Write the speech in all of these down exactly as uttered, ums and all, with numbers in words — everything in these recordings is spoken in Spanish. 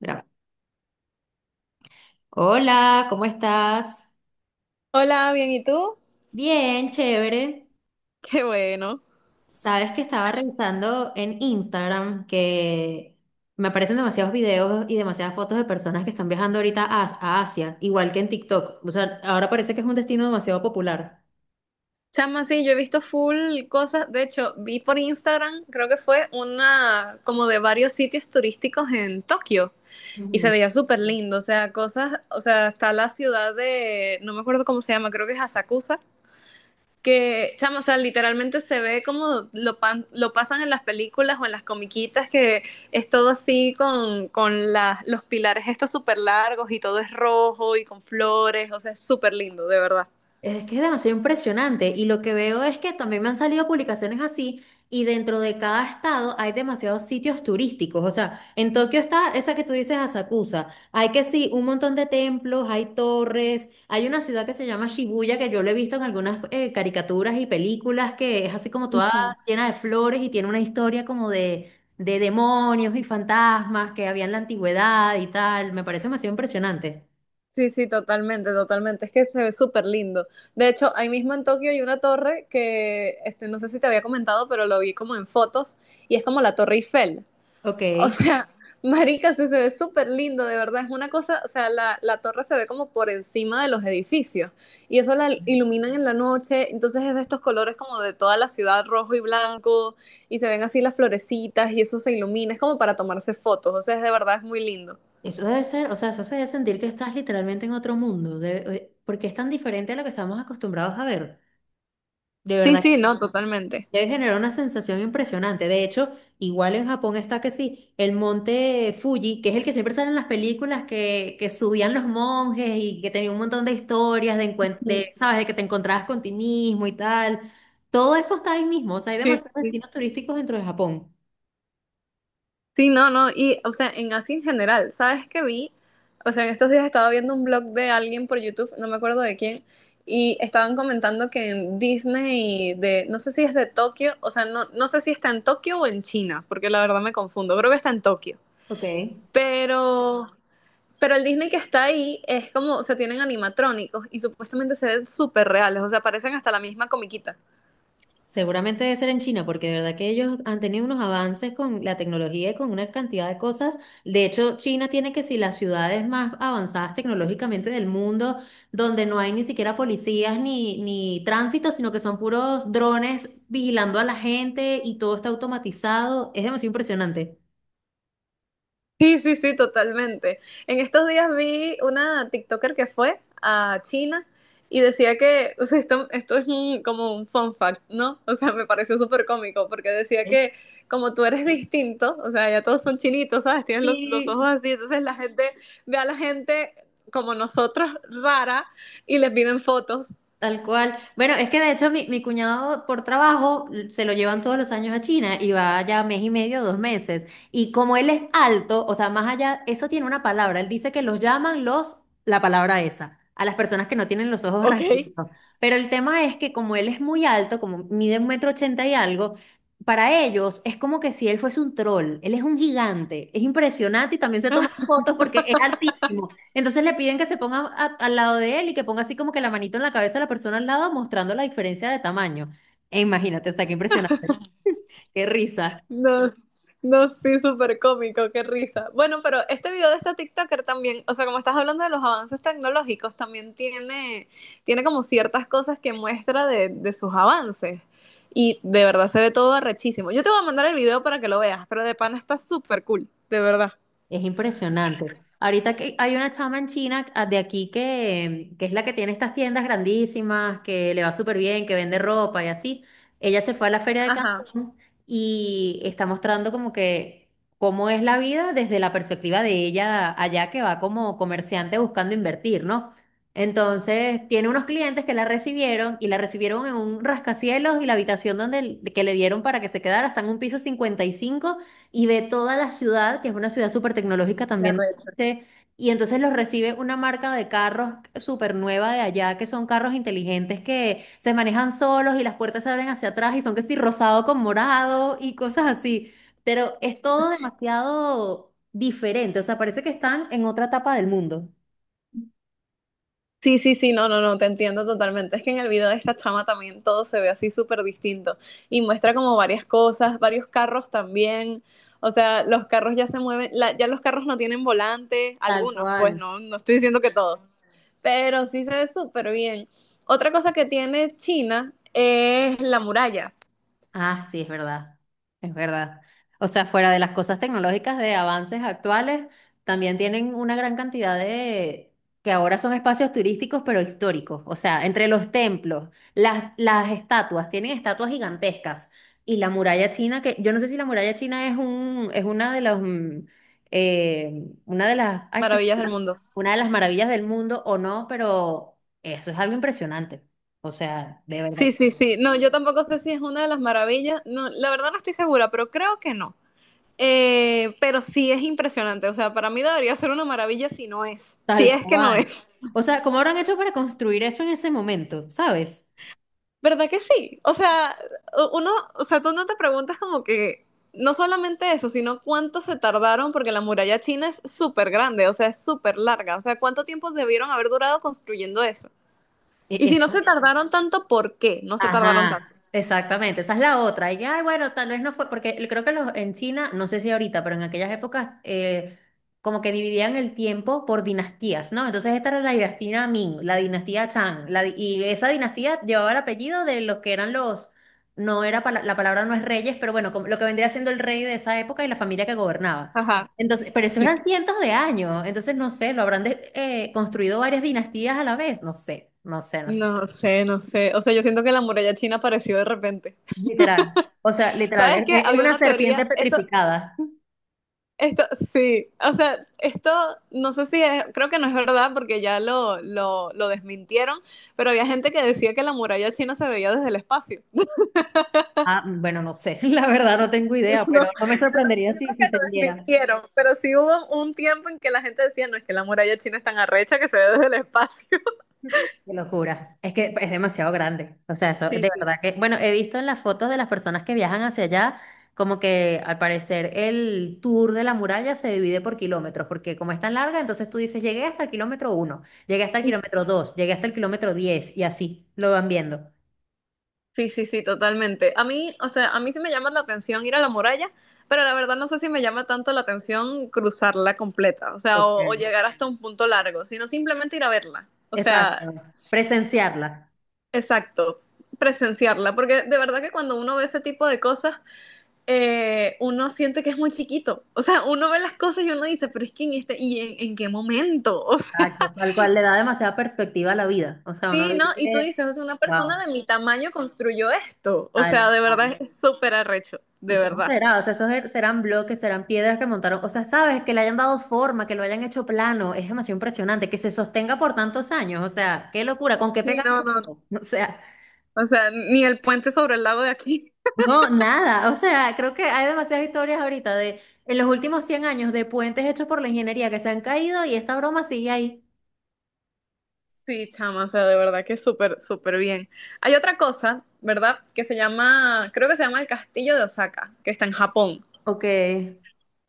Gra- Hola, ¿cómo estás? Hola, bien, ¿y tú? Bien, chévere. Qué bueno. Sabes que estaba revisando en Instagram que me aparecen demasiados videos y demasiadas fotos de personas que están viajando ahorita a, a Asia, igual que en TikTok. O sea, ahora parece que es un destino demasiado popular. Chama, sí, yo he visto full cosas. De hecho, vi por Instagram, creo que fue una como de varios sitios turísticos en Tokio y se veía súper lindo. O sea, cosas, o sea, está la ciudad de, no me acuerdo cómo se llama, creo que es Asakusa, que, chama, o sea, literalmente se ve como lo, pan- lo pasan en las películas o en las comiquitas, que es todo así con, con las- los pilares estos súper largos y todo es rojo y con flores. O sea, es súper lindo, de verdad. Es que es demasiado impresionante y lo que veo es que también me han salido publicaciones así y dentro de cada estado hay demasiados sitios turísticos. O sea, en Tokio está esa que tú dices, Asakusa. Hay que sí, un montón de templos, hay torres, hay una ciudad que se llama Shibuya que yo lo he visto en algunas eh, caricaturas y películas que es así como toda Ujú. llena de flores y tiene una historia como de, de demonios y fantasmas que había en la antigüedad y tal. Me parece demasiado impresionante. Sí, sí, totalmente, totalmente. Es que se ve súper lindo. De hecho, ahí mismo en Tokio hay una torre que, este, no sé si te había comentado, pero lo vi como en fotos y es como la Torre Eiffel. Ok. O sea, marica, se se ve súper lindo, de verdad. Es una cosa, o sea, la, la torre se ve como por encima de los edificios y eso la iluminan en la noche. Entonces es de estos colores como de toda la ciudad, rojo y blanco, y se ven así las florecitas y eso se ilumina. Es como para tomarse fotos. O sea, es de verdad, es muy lindo. Eso debe ser, o sea, eso se debe sentir que estás literalmente en otro mundo, debe- eh, porque es tan diferente a lo que estamos acostumbrados a ver. De Sí, verdad, sí, no, totalmente. que debe generar una sensación impresionante. De hecho, igual en Japón está que sí, el monte Fuji, que es el que siempre sale en las películas que, que subían los monjes y que tenía un montón de historias de, encuen- de, ¿sabes? De que te encontrabas con ti mismo y tal. Todo eso está ahí mismo, o sea, hay Sí, demasiados destinos turísticos dentro de Japón. sí, no, no, y o sea, en así en general, ¿sabes qué vi? O sea, en estos días estaba viendo un blog de alguien por YouTube, no me acuerdo de quién, y estaban comentando que en Disney de, no sé si es de Tokio, o sea, no, no sé si está en Tokio o en China, porque la verdad me confundo, creo que está en Tokio. Ok. Pero, pero el Disney que está ahí es como, o sea, tienen animatrónicos y supuestamente se ven súper reales, o sea, parecen hasta la misma comiquita. Seguramente debe ser en China, porque de verdad que ellos han tenido unos avances con la tecnología y con una cantidad de cosas. De hecho, China tiene que si las ciudades más avanzadas tecnológicamente del mundo, donde no hay ni siquiera policías ni, ni tránsito, sino que son puros drones vigilando a la gente y todo está automatizado. Es demasiado impresionante. Sí, sí, sí, totalmente. En estos días vi una TikToker que fue a China y decía que, o sea, esto, esto es un- como un fun fact, ¿no? O sea, me pareció súper cómico porque decía que como tú eres distinto, o sea, ya todos son chinitos, ¿sabes? Tienes los, los ojos Sí. así, entonces la gente ve a la gente como nosotros rara y les piden fotos, Tal cual. Bueno, es que de hecho mi, mi cuñado por trabajo l- se lo llevan todos los años a China y va ya mes y medio, dos meses. Y como él es alto, o sea, más allá, eso tiene una palabra. Él dice que los llaman los, la palabra esa, a las personas que no tienen los ojos ¿ok? rasgados. Pero el tema es que como él es muy alto, como mide un metro ochenta y algo, para ellos es como que si él fuese un troll. Él es un gigante. Es impresionante y también se toman fotos porque es altísimo. Entonces le piden que se ponga a- al lado de él y que ponga así como que la manito en la cabeza de la persona al lado, mostrando la diferencia de tamaño. E imagínate, o sea, qué impresionante. Qué risa. No, no, sí, súper cómico, qué risa. Bueno, pero este video de esta TikToker también, o sea, como estás hablando de los avances tecnológicos, también tiene, tiene como ciertas cosas que muestra de, de sus avances. Y de verdad se ve todo arrechísimo. Yo te voy a mandar el video para que lo veas, pero de pana está súper cool, de verdad. Es impresionante. Ahorita que hay una chama en China ah, de aquí que, que es la que tiene estas tiendas grandísimas, que le va súper bien, que vende ropa y así. Ella se fue a la feria de Ajá, Cancún y está mostrando como que cómo es la vida desde la perspectiva de ella allá que va como comerciante buscando invertir, ¿no? Entonces, tiene unos clientes que la recibieron y la recibieron en un rascacielos y la habitación donde que le dieron para que se quedara está en un piso cincuenta y cinco y ve toda la ciudad, que es una ciudad súper tecnológica la también. red. Sí. Y entonces los recibe una marca de carros súper nueva de allá, que son carros inteligentes que se manejan solos y las puertas se abren hacia atrás y son que sí, rosado con morado y cosas así. Pero es todo demasiado diferente, o sea, parece que están en otra etapa del mundo. Sí, sí, sí, no, no, no, te entiendo totalmente. Es que en el video de esta chama también todo se ve así súper distinto y muestra como varias cosas, varios carros también. O sea, los carros ya se mueven, la- ya los carros no tienen volante, Tal algunos, pues cual. no, no estoy diciendo que todos, pero sí se ve súper bien. Otra cosa que tiene China es la muralla, Ah, sí, es verdad, es verdad. O sea, fuera de las cosas tecnológicas de avances actuales, también tienen una gran cantidad de, que ahora son espacios turísticos, pero históricos. O sea, entre los templos, las, las estatuas, tienen estatuas gigantescas. Y la muralla china, que yo no sé si la muralla china es un, es una de los, mm, eh, una de las, ay, se- maravillas del mundo. una de las maravillas del mundo o no, pero eso es algo impresionante. O sea, de verdad Sí, sí, sí, no, yo tampoco sé si es una de las maravillas, no, la verdad no estoy segura, pero creo que no. Eh, pero sí es impresionante, o sea, para mí debería ser una maravilla si no es, si tal es que no cual. es. O sea, ¿cómo habrán hecho para construir eso en ese momento? ¿Sabes? ¿Verdad que sí? O sea, uno, o sea, tú no te preguntas como que, no solamente eso, sino cuánto se tardaron, porque la muralla china es súper grande, o sea, es súper larga, o sea, cuánto tiempo debieron haber durado construyendo eso. E- Y si no Eso se tardaron tanto, ¿por qué? No se tardaron tanto. Ajá, exactamente, esa es la otra. Y ay, bueno, tal vez no fue, porque el- creo que los, en China, no sé si ahorita, pero en aquellas épocas, eh, como que dividían el tiempo por dinastías, ¿no? Entonces esta era la dinastía Ming, la dinastía Chang, la di- y esa dinastía llevaba el apellido de los que eran los, no era, pala- la palabra no es reyes, pero bueno, como lo que vendría siendo el rey de esa época y la familia que gobernaba. Ajá. Entonces, pero eso Sí. eran cientos de años, entonces no sé, lo habrán de- eh, construido varias dinastías a la vez, no sé, no sé, no sé. No sé, no sé. O sea, yo siento que la muralla china apareció de repente. Literal. O sea, literal, ¿Sabes es, qué? es Había una una serpiente teoría, esto, petrificada. Esto, sí, o sea, esto no sé si es, creo que no es verdad porque ya lo, lo, lo desmintieron, pero había gente que decía que la muralla china se veía desde el espacio. Ah, bueno, no sé, la verdad no tengo No, yo, idea, pero no me creo- sorprendería yo si, creo que si se lo viera. desmintieron, pero sí hubo un tiempo en que la gente decía, no, es que la muralla china es tan arrecha que se ve desde el espacio. Qué locura. Es que es demasiado grande. O sea, eso, de Sí, sí. verdad que, bueno, he visto en las fotos de las personas que viajan hacia allá, como que al parecer el tour de la muralla se divide por kilómetros, porque como es tan larga, entonces tú dices, llegué hasta el kilómetro uno, llegué hasta el kilómetro dos, llegué hasta el kilómetro diez y así lo van viendo. Sí, sí, sí, totalmente. A mí, o sea, a mí sí me llama la atención ir a la muralla, pero la verdad no sé si me llama tanto la atención cruzarla completa, o sea, Ok. o, o llegar hasta un punto largo, sino simplemente ir a verla. O Exacto. sea, Presenciarla. exacto, presenciarla, porque de verdad que cuando uno ve ese tipo de cosas, eh, uno siente que es muy chiquito. O sea, uno ve las cosas y uno dice, pero es que en este, ¿y en, en qué momento? Exacto, tal cual le da demasiada perspectiva a la vida. O sea, O sea, uno sí, ¿no? Y tú dice, dices, o sea, una persona wow, de mi tamaño construyó esto. O sea, tal, de tal. verdad es súper arrecho, ¿Y de cómo verdad. será? O sea, esos er- serán bloques, serán piedras que montaron. O sea, sabes, que le hayan dado forma, que lo hayan hecho plano. Es demasiado impresionante, que se sostenga por tantos años. O sea, qué locura, ¿con qué Sí, pegas? no, no, O sea, o sea, ni el puente sobre el lago de aquí. no, nada. O sea, creo que hay demasiadas historias ahorita de en los últimos cien años de puentes hechos por la ingeniería que se han caído y esta broma sigue ahí. Sí, chama, o sea, de verdad que súper, súper bien. Hay otra cosa, ¿verdad? Que se llama, creo que se llama el Castillo de Osaka, que está en Japón. Ok.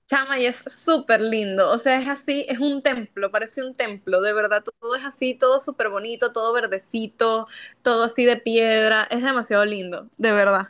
Chama, y es súper lindo. O sea, es así, es un templo, parece un templo. De verdad, todo es así, todo súper bonito, todo verdecito, todo así de piedra. Es demasiado lindo, de verdad.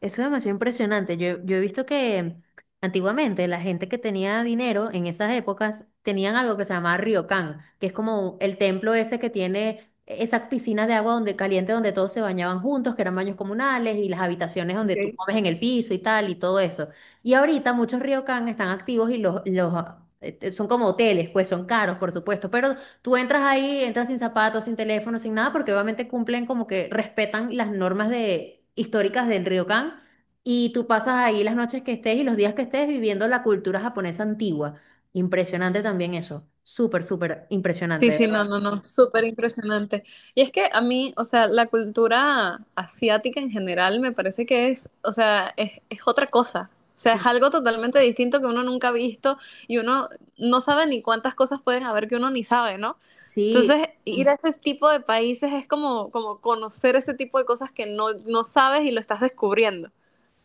Eso es demasiado impresionante. Yo, yo he visto que antiguamente la gente que tenía dinero en esas épocas tenían algo que se llamaba ryokan, que es como el templo ese que tiene esas piscinas de agua donde caliente donde todos se bañaban juntos, que eran baños comunales y las habitaciones donde Ok. tú comes en el piso y tal y todo eso. Y ahorita muchos ryokan están activos y los, los eh, son como hoteles, pues son caros, por supuesto, pero tú entras ahí, entras sin zapatos, sin teléfono, sin nada, porque obviamente cumplen como que respetan las normas de, históricas del Ryokan y tú pasas ahí las noches que estés y los días que estés viviendo la cultura japonesa antigua. Impresionante también eso. Súper, súper impresionante, Sí, de sí, no, verdad. no, no, súper impresionante. Y es que a mí, o sea, la cultura asiática en general me parece que es, o sea, es, es otra cosa. O sea, es Sí. algo totalmente distinto que uno nunca ha visto y uno no sabe ni cuántas cosas pueden haber que uno ni sabe, ¿no? Sí. Entonces, ir a ese tipo de países es como, como conocer ese tipo de cosas que no, no sabes y lo estás descubriendo.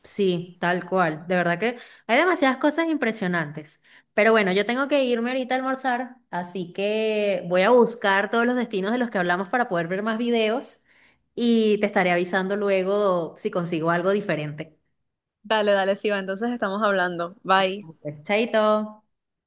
Sí, tal cual. De verdad que hay demasiadas cosas impresionantes. Pero bueno, yo, tengo que irme ahorita a almorzar, así que voy a buscar todos los destinos de los que hablamos para poder ver más videos y te estaré avisando luego si consigo algo diferente. Dale, dale, Siva, entonces estamos hablando. Bye. Pues, chaito.